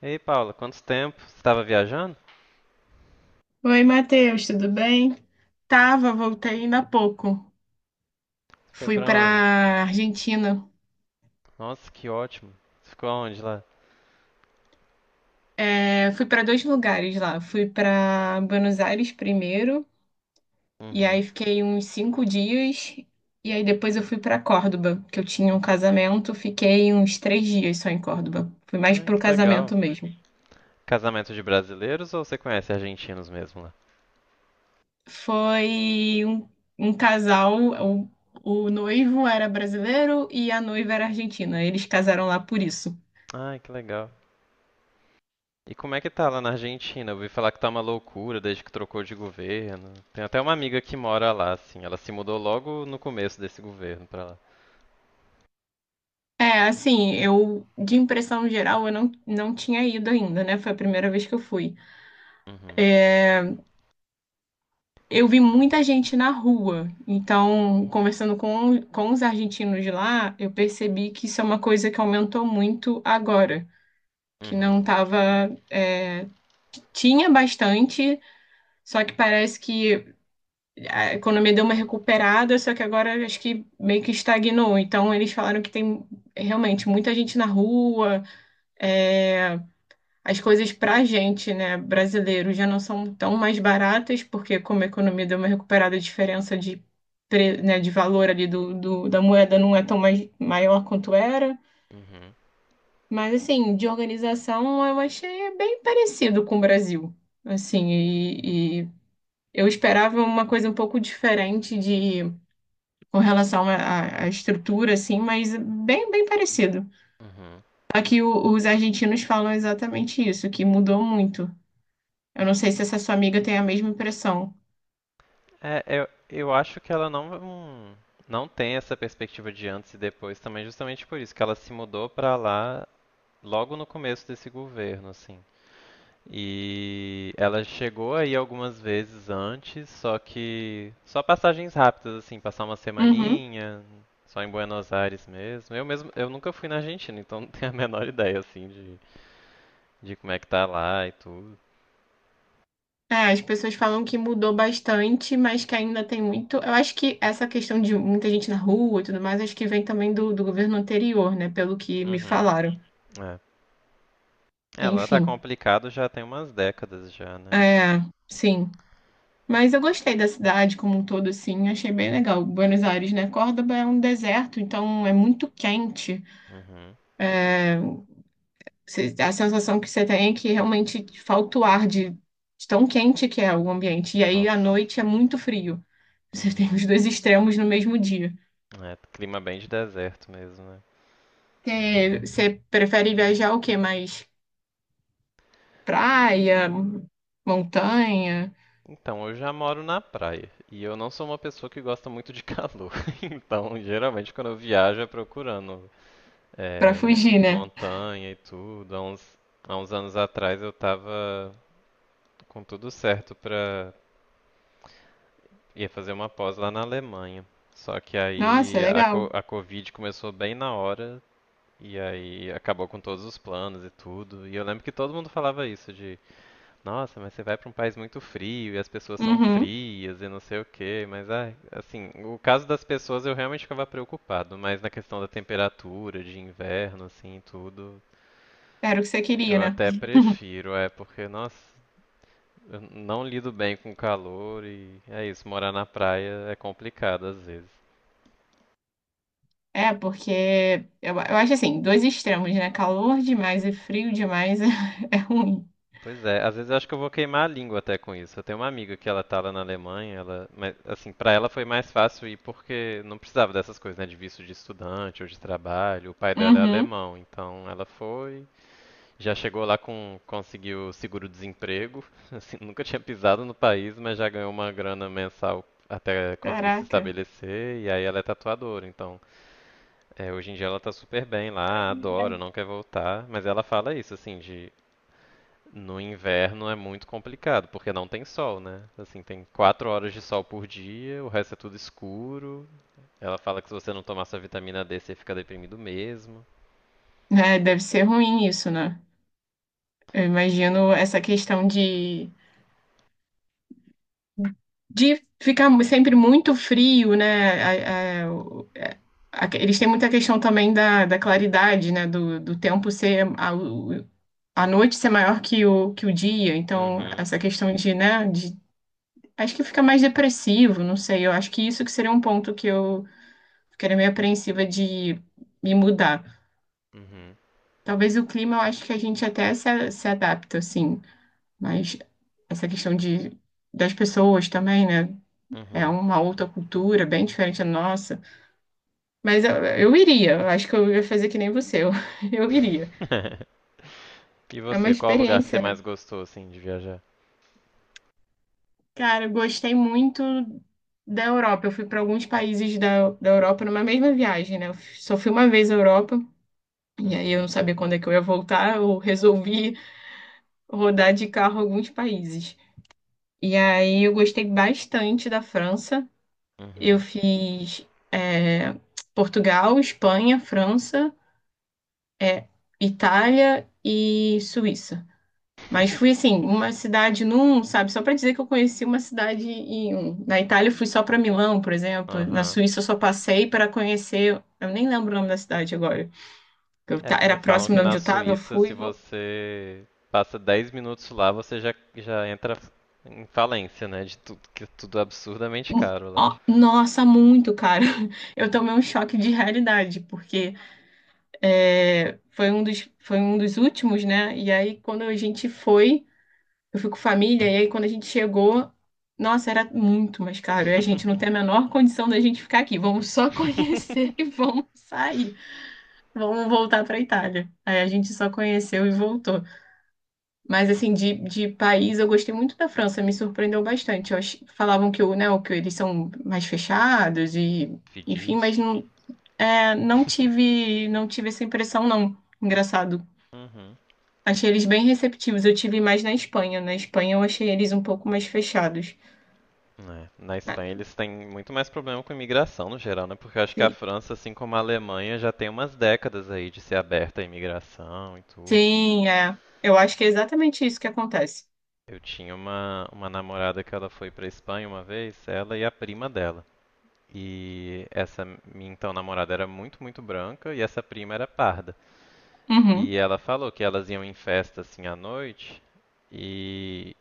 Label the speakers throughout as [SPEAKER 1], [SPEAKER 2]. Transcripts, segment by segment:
[SPEAKER 1] Ei, Paula, quanto tempo? Você estava viajando?
[SPEAKER 2] Oi, Matheus, tudo bem? Tava, voltei ainda há pouco.
[SPEAKER 1] Foi
[SPEAKER 2] Fui
[SPEAKER 1] pra onde?
[SPEAKER 2] pra Argentina.
[SPEAKER 1] Nossa, que ótimo. Você ficou onde lá?
[SPEAKER 2] É, fui pra dois lugares lá. Fui pra Buenos Aires primeiro, e aí
[SPEAKER 1] Uhum.
[SPEAKER 2] fiquei uns 5 dias. E aí depois eu fui pra Córdoba, que eu tinha um casamento. Fiquei uns 3 dias só em Córdoba. Fui mais
[SPEAKER 1] Ai,
[SPEAKER 2] pro
[SPEAKER 1] que legal.
[SPEAKER 2] casamento mesmo.
[SPEAKER 1] Casamento de brasileiros ou você conhece argentinos mesmo lá?
[SPEAKER 2] Foi um casal, o noivo era brasileiro e a noiva era argentina. Eles casaram lá por isso.
[SPEAKER 1] Ai, que legal. E como é que tá lá na Argentina? Eu ouvi falar que tá uma loucura desde que trocou de governo. Tem até uma amiga que mora lá, assim. Ela se mudou logo no começo desse governo pra lá.
[SPEAKER 2] É, assim, de impressão geral, eu não tinha ido ainda, né? Foi a primeira vez que eu fui.
[SPEAKER 1] Uhum,
[SPEAKER 2] É, eu vi muita gente na rua, então, conversando com os argentinos de lá, eu percebi que isso é uma coisa que aumentou muito agora, que
[SPEAKER 1] uhum,
[SPEAKER 2] não tava, é, tinha bastante, só que parece que a economia deu uma recuperada, só que agora acho que meio que estagnou. Então, eles falaram que tem realmente muita gente na rua, é, as coisas para a gente, né, brasileiro, já não são tão mais baratas, porque como a economia deu uma recuperada, a diferença de, né, de valor ali do, da moeda não é tão mais, maior quanto era.
[SPEAKER 1] uhum,
[SPEAKER 2] Mas, assim, de organização, eu achei bem parecido com o Brasil. Assim, e eu esperava uma coisa um pouco diferente de, com relação à estrutura, assim, mas bem, bem parecido.
[SPEAKER 1] uhum.
[SPEAKER 2] Só que os argentinos falam exatamente isso, que mudou muito. Eu não sei se essa sua amiga tem a mesma impressão.
[SPEAKER 1] É, eu acho que ela não tem essa perspectiva de antes e depois também, justamente por isso, que ela se mudou pra lá logo no começo desse governo, assim. E ela chegou aí algumas vezes antes, só que só passagens rápidas, assim, passar uma
[SPEAKER 2] Uhum.
[SPEAKER 1] semaninha, só em Buenos Aires mesmo. Eu mesmo, eu nunca fui na Argentina, então não tenho a menor ideia, assim, de como é que tá lá e tudo.
[SPEAKER 2] É, as pessoas falam que mudou bastante, mas que ainda tem muito. Eu acho que essa questão de muita gente na rua e tudo mais, acho que vem também do governo anterior, né? Pelo que me
[SPEAKER 1] Uhum,
[SPEAKER 2] falaram.
[SPEAKER 1] é. Ela tá
[SPEAKER 2] Enfim,
[SPEAKER 1] complicado já tem umas décadas já, né?
[SPEAKER 2] é, sim. Mas eu gostei da cidade como um todo, assim, achei bem legal. Buenos Aires, né? Córdoba é um deserto, então é muito quente.
[SPEAKER 1] Uhum.
[SPEAKER 2] A sensação que você tem é que realmente falta o ar de tão quente que é o ambiente. E aí à
[SPEAKER 1] Nossa.
[SPEAKER 2] noite é muito frio. Você tem
[SPEAKER 1] Uhum.
[SPEAKER 2] os dois extremos no mesmo dia.
[SPEAKER 1] É, clima bem de deserto mesmo, né?
[SPEAKER 2] Você, você prefere viajar o quê? Mais praia, montanha,
[SPEAKER 1] Então, eu já moro na praia. E eu não sou uma pessoa que gosta muito de calor. Então, geralmente, quando eu viajo, é procurando
[SPEAKER 2] pra
[SPEAKER 1] é,
[SPEAKER 2] fugir, né?
[SPEAKER 1] montanha e tudo. Há uns anos atrás, eu tava com tudo certo pra ir fazer uma pós lá na Alemanha. Só que aí
[SPEAKER 2] Nossa, legal.
[SPEAKER 1] a Covid começou bem na hora. E aí acabou com todos os planos e tudo. E eu lembro que todo mundo falava isso, de nossa, mas você vai para um país muito frio e as pessoas são
[SPEAKER 2] Uhum.
[SPEAKER 1] frias e não sei o quê, mas ai, assim, o caso das pessoas eu realmente ficava preocupado, mas na questão da temperatura, de inverno, assim, e tudo,
[SPEAKER 2] Era o que você queria,
[SPEAKER 1] eu
[SPEAKER 2] né?
[SPEAKER 1] até prefiro, é porque, nossa, eu não lido bem com calor e é isso, morar na praia é complicado às vezes.
[SPEAKER 2] É, porque eu acho assim, dois extremos, né? Calor demais e frio demais é, é ruim.
[SPEAKER 1] Pois é, às vezes eu acho que eu vou queimar a língua até com isso. Eu tenho uma amiga que ela tá lá na Alemanha, ela, mas assim, para ela foi mais fácil ir porque não precisava dessas coisas, né, de visto de estudante ou de trabalho. O pai dela é
[SPEAKER 2] Uhum.
[SPEAKER 1] alemão, então ela foi, já chegou lá com conseguiu seguro-desemprego, assim, nunca tinha pisado no país, mas já ganhou uma grana mensal até conseguir se
[SPEAKER 2] Caraca.
[SPEAKER 1] estabelecer, e aí ela é tatuadora, então é, hoje em dia ela tá super bem lá, adora, não quer voltar, mas ela fala isso, assim, de no inverno é muito complicado, porque não tem sol, né? Assim, tem quatro horas de sol por dia, o resto é tudo escuro. Ela fala que se você não tomar sua vitamina D, você fica deprimido mesmo.
[SPEAKER 2] É, deve ser ruim isso, né? Eu imagino essa questão de ficar sempre muito frio, né? a- a- o- é, eles têm muita questão também da, claridade, né? Do, do tempo ser a, a noite ser maior que o dia. Então,
[SPEAKER 1] Uhum,
[SPEAKER 2] essa questão de, né? De, acho que fica mais depressivo, não sei. Eu acho que isso que seria um ponto que eu ficaria meio apreensiva de me mudar.
[SPEAKER 1] uhum,
[SPEAKER 2] Talvez o clima, eu acho que a gente até se, se adapta, assim. Mas essa questão de, das pessoas também, né? É
[SPEAKER 1] uhum.
[SPEAKER 2] uma outra cultura, bem diferente da nossa. Mas eu iria, eu acho que eu ia fazer que nem você, eu, eu iria.
[SPEAKER 1] E
[SPEAKER 2] É uma
[SPEAKER 1] você, qual o lugar que você
[SPEAKER 2] experiência, né?
[SPEAKER 1] mais gostou, assim, de viajar?
[SPEAKER 2] Cara, eu gostei muito da Europa. Eu fui para alguns países da Europa numa mesma viagem, né? Eu só fui uma vez à Europa, e aí eu
[SPEAKER 1] Uhum,
[SPEAKER 2] não sabia quando é que eu ia voltar, eu resolvi rodar de carro alguns países. E aí eu gostei bastante da França. Eu
[SPEAKER 1] uhum.
[SPEAKER 2] fiz, é, Portugal, Espanha, França. É Itália e Suíça. Mas fui assim, uma cidade num, sabe? Só para dizer que eu conheci uma cidade em um. Na Itália eu fui só para Milão, por exemplo. Na
[SPEAKER 1] Aham.
[SPEAKER 2] Suíça eu só passei para conhecer. Eu nem lembro o nome da cidade agora.
[SPEAKER 1] É, porque
[SPEAKER 2] Era
[SPEAKER 1] falam
[SPEAKER 2] próximo
[SPEAKER 1] que
[SPEAKER 2] de
[SPEAKER 1] na
[SPEAKER 2] onde eu tava, eu
[SPEAKER 1] Suíça, se
[SPEAKER 2] fui.
[SPEAKER 1] você passa 10 minutos lá, você já entra em falência, né? De tudo, que é tudo absurdamente caro lá.
[SPEAKER 2] Ó, nossa, muito, cara. Eu tomei um choque de realidade, porque é, foi um dos últimos, né? E aí, quando a gente foi. Eu fui com família, e aí quando a gente chegou, nossa, era muito mais caro. E a gente não tem a menor condição da gente ficar aqui. Vamos só conhecer e vamos sair. Vamos voltar para Itália. Aí a gente só conheceu e voltou. Mas assim, de país, eu gostei muito da França, me surpreendeu bastante. Falavam que, o, né, o que eles são mais fechados e, enfim,
[SPEAKER 1] Fedidos.
[SPEAKER 2] mas não, é, não tive essa impressão, não. Engraçado.
[SPEAKER 1] Uhum.
[SPEAKER 2] Achei eles bem receptivos. Eu tive mais na Espanha. Na Espanha eu achei eles um pouco mais fechados.
[SPEAKER 1] É, na
[SPEAKER 2] É,
[SPEAKER 1] Espanha eles têm muito mais problema com imigração no geral, né? Porque eu acho que a
[SPEAKER 2] sim,
[SPEAKER 1] França, assim como a Alemanha, já tem umas décadas aí de ser aberta à imigração e tudo.
[SPEAKER 2] sim, é. Eu acho que é exatamente isso que acontece.
[SPEAKER 1] Eu tinha uma namorada que ela foi pra Espanha uma vez, ela e a prima dela. E essa minha então namorada era muito branca e essa prima era parda.
[SPEAKER 2] Uhum,
[SPEAKER 1] E ela falou que elas iam em festa assim à noite e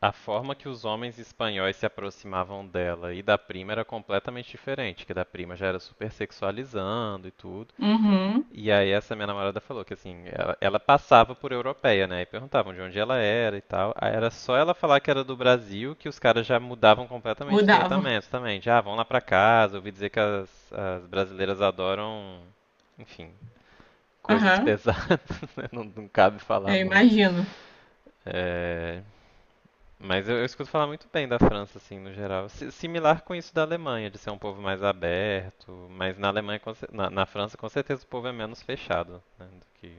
[SPEAKER 1] a forma que os homens espanhóis se aproximavam dela e da prima era completamente diferente, que da prima já era super sexualizando e tudo.
[SPEAKER 2] uhum,
[SPEAKER 1] E aí essa minha namorada falou que assim, ela passava por europeia, né? E perguntavam de onde ela era e tal. Aí era só ela falar que era do Brasil que os caras já mudavam completamente o
[SPEAKER 2] mudava.
[SPEAKER 1] tratamento também. Já, ah, vão lá pra casa, ouvi dizer que as brasileiras adoram, enfim, coisas
[SPEAKER 2] Aham,
[SPEAKER 1] pesadas, né? Não cabe falar
[SPEAKER 2] eu
[SPEAKER 1] muito.
[SPEAKER 2] imagino.
[SPEAKER 1] É, mas eu escuto falar muito bem da França, assim, no geral. Similar com isso da Alemanha, de ser um povo mais aberto. Mas na Alemanha, na França, com certeza o povo é menos fechado, né, do que...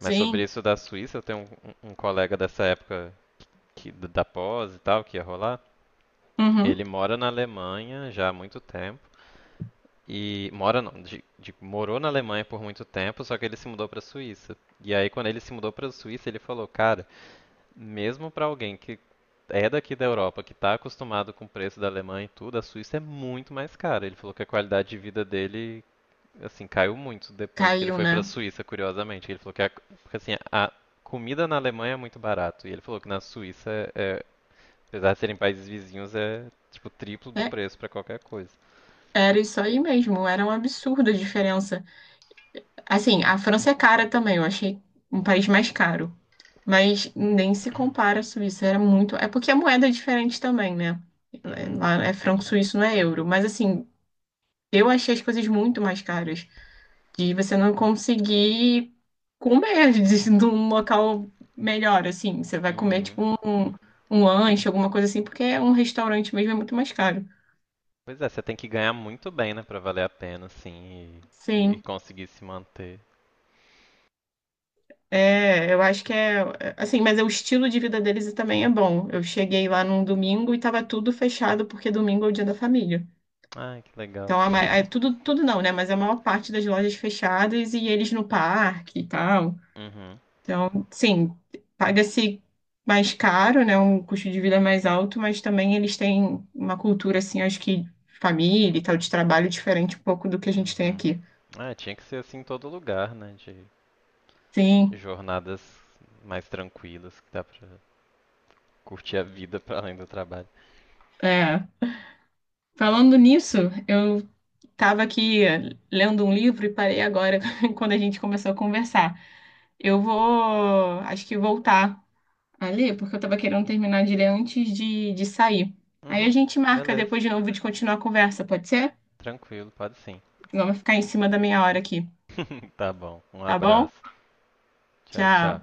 [SPEAKER 1] Mas sobre isso da Suíça, eu tenho um colega dessa época que, da pós e tal, que ia rolar.
[SPEAKER 2] uhum,
[SPEAKER 1] Ele mora na Alemanha já há muito tempo. E mora não, morou na Alemanha por muito tempo, só que ele se mudou para a Suíça. E aí quando ele se mudou para a Suíça, ele falou, cara, mesmo para alguém que é daqui da Europa, que está acostumado com o preço da Alemanha e tudo, a Suíça é muito mais cara. Ele falou que a qualidade de vida dele, assim, caiu muito depois que ele
[SPEAKER 2] caiu,
[SPEAKER 1] foi para a
[SPEAKER 2] né?
[SPEAKER 1] Suíça, curiosamente. Ele falou porque, assim, a comida na Alemanha é muito barato. E ele falou que na Suíça, é, apesar de serem países vizinhos, é tipo triplo do
[SPEAKER 2] É,
[SPEAKER 1] preço para qualquer coisa.
[SPEAKER 2] era isso aí mesmo, era um absurdo a diferença. Assim, a França é cara também, eu achei um país mais caro. Mas nem se compara à Suíça, era muito. É porque a moeda é diferente também, né?
[SPEAKER 1] Uhum.
[SPEAKER 2] Lá é franco suíço, não é euro. Mas assim, eu achei as coisas muito mais caras. De você não conseguir comer de, num local melhor, assim. Você vai comer,
[SPEAKER 1] Uhum.
[SPEAKER 2] tipo, um lanche, alguma coisa assim, porque é um restaurante mesmo é muito mais caro.
[SPEAKER 1] Pois é, você tem que ganhar muito bem, né, para valer a pena, assim, e
[SPEAKER 2] Sim.
[SPEAKER 1] conseguir se manter.
[SPEAKER 2] É, eu acho que é, assim, mas é o estilo de vida deles também é bom. Eu cheguei lá num domingo e tava tudo fechado, porque domingo é o dia da família.
[SPEAKER 1] Ai, que legal.
[SPEAKER 2] Então, é tudo, tudo não, né? Mas a maior parte das lojas fechadas e eles no parque e tal.
[SPEAKER 1] Uhum.
[SPEAKER 2] Então, sim, paga-se mais caro, né? Um custo de vida mais alto, mas também eles têm uma cultura, assim, acho que de família e tal, de trabalho diferente um pouco do que a gente tem
[SPEAKER 1] Uhum.
[SPEAKER 2] aqui.
[SPEAKER 1] Ah, tinha que ser assim em todo lugar, né? De
[SPEAKER 2] Sim,
[SPEAKER 1] jornadas mais tranquilas, que dá pra curtir a vida pra além do trabalho.
[SPEAKER 2] é. Falando nisso, eu estava aqui lendo um livro e parei agora quando a gente começou a conversar. Eu vou, acho que voltar a ler, porque eu estava querendo terminar de ler antes de sair. Aí a
[SPEAKER 1] Uhum.
[SPEAKER 2] gente marca
[SPEAKER 1] Beleza.
[SPEAKER 2] depois de novo de continuar a conversa, pode ser?
[SPEAKER 1] Tranquilo, pode sim.
[SPEAKER 2] Senão vai ficar em cima da meia hora aqui.
[SPEAKER 1] Tá bom. Um
[SPEAKER 2] Tá bom?
[SPEAKER 1] abraço. Tchau, tchau.
[SPEAKER 2] Tchau.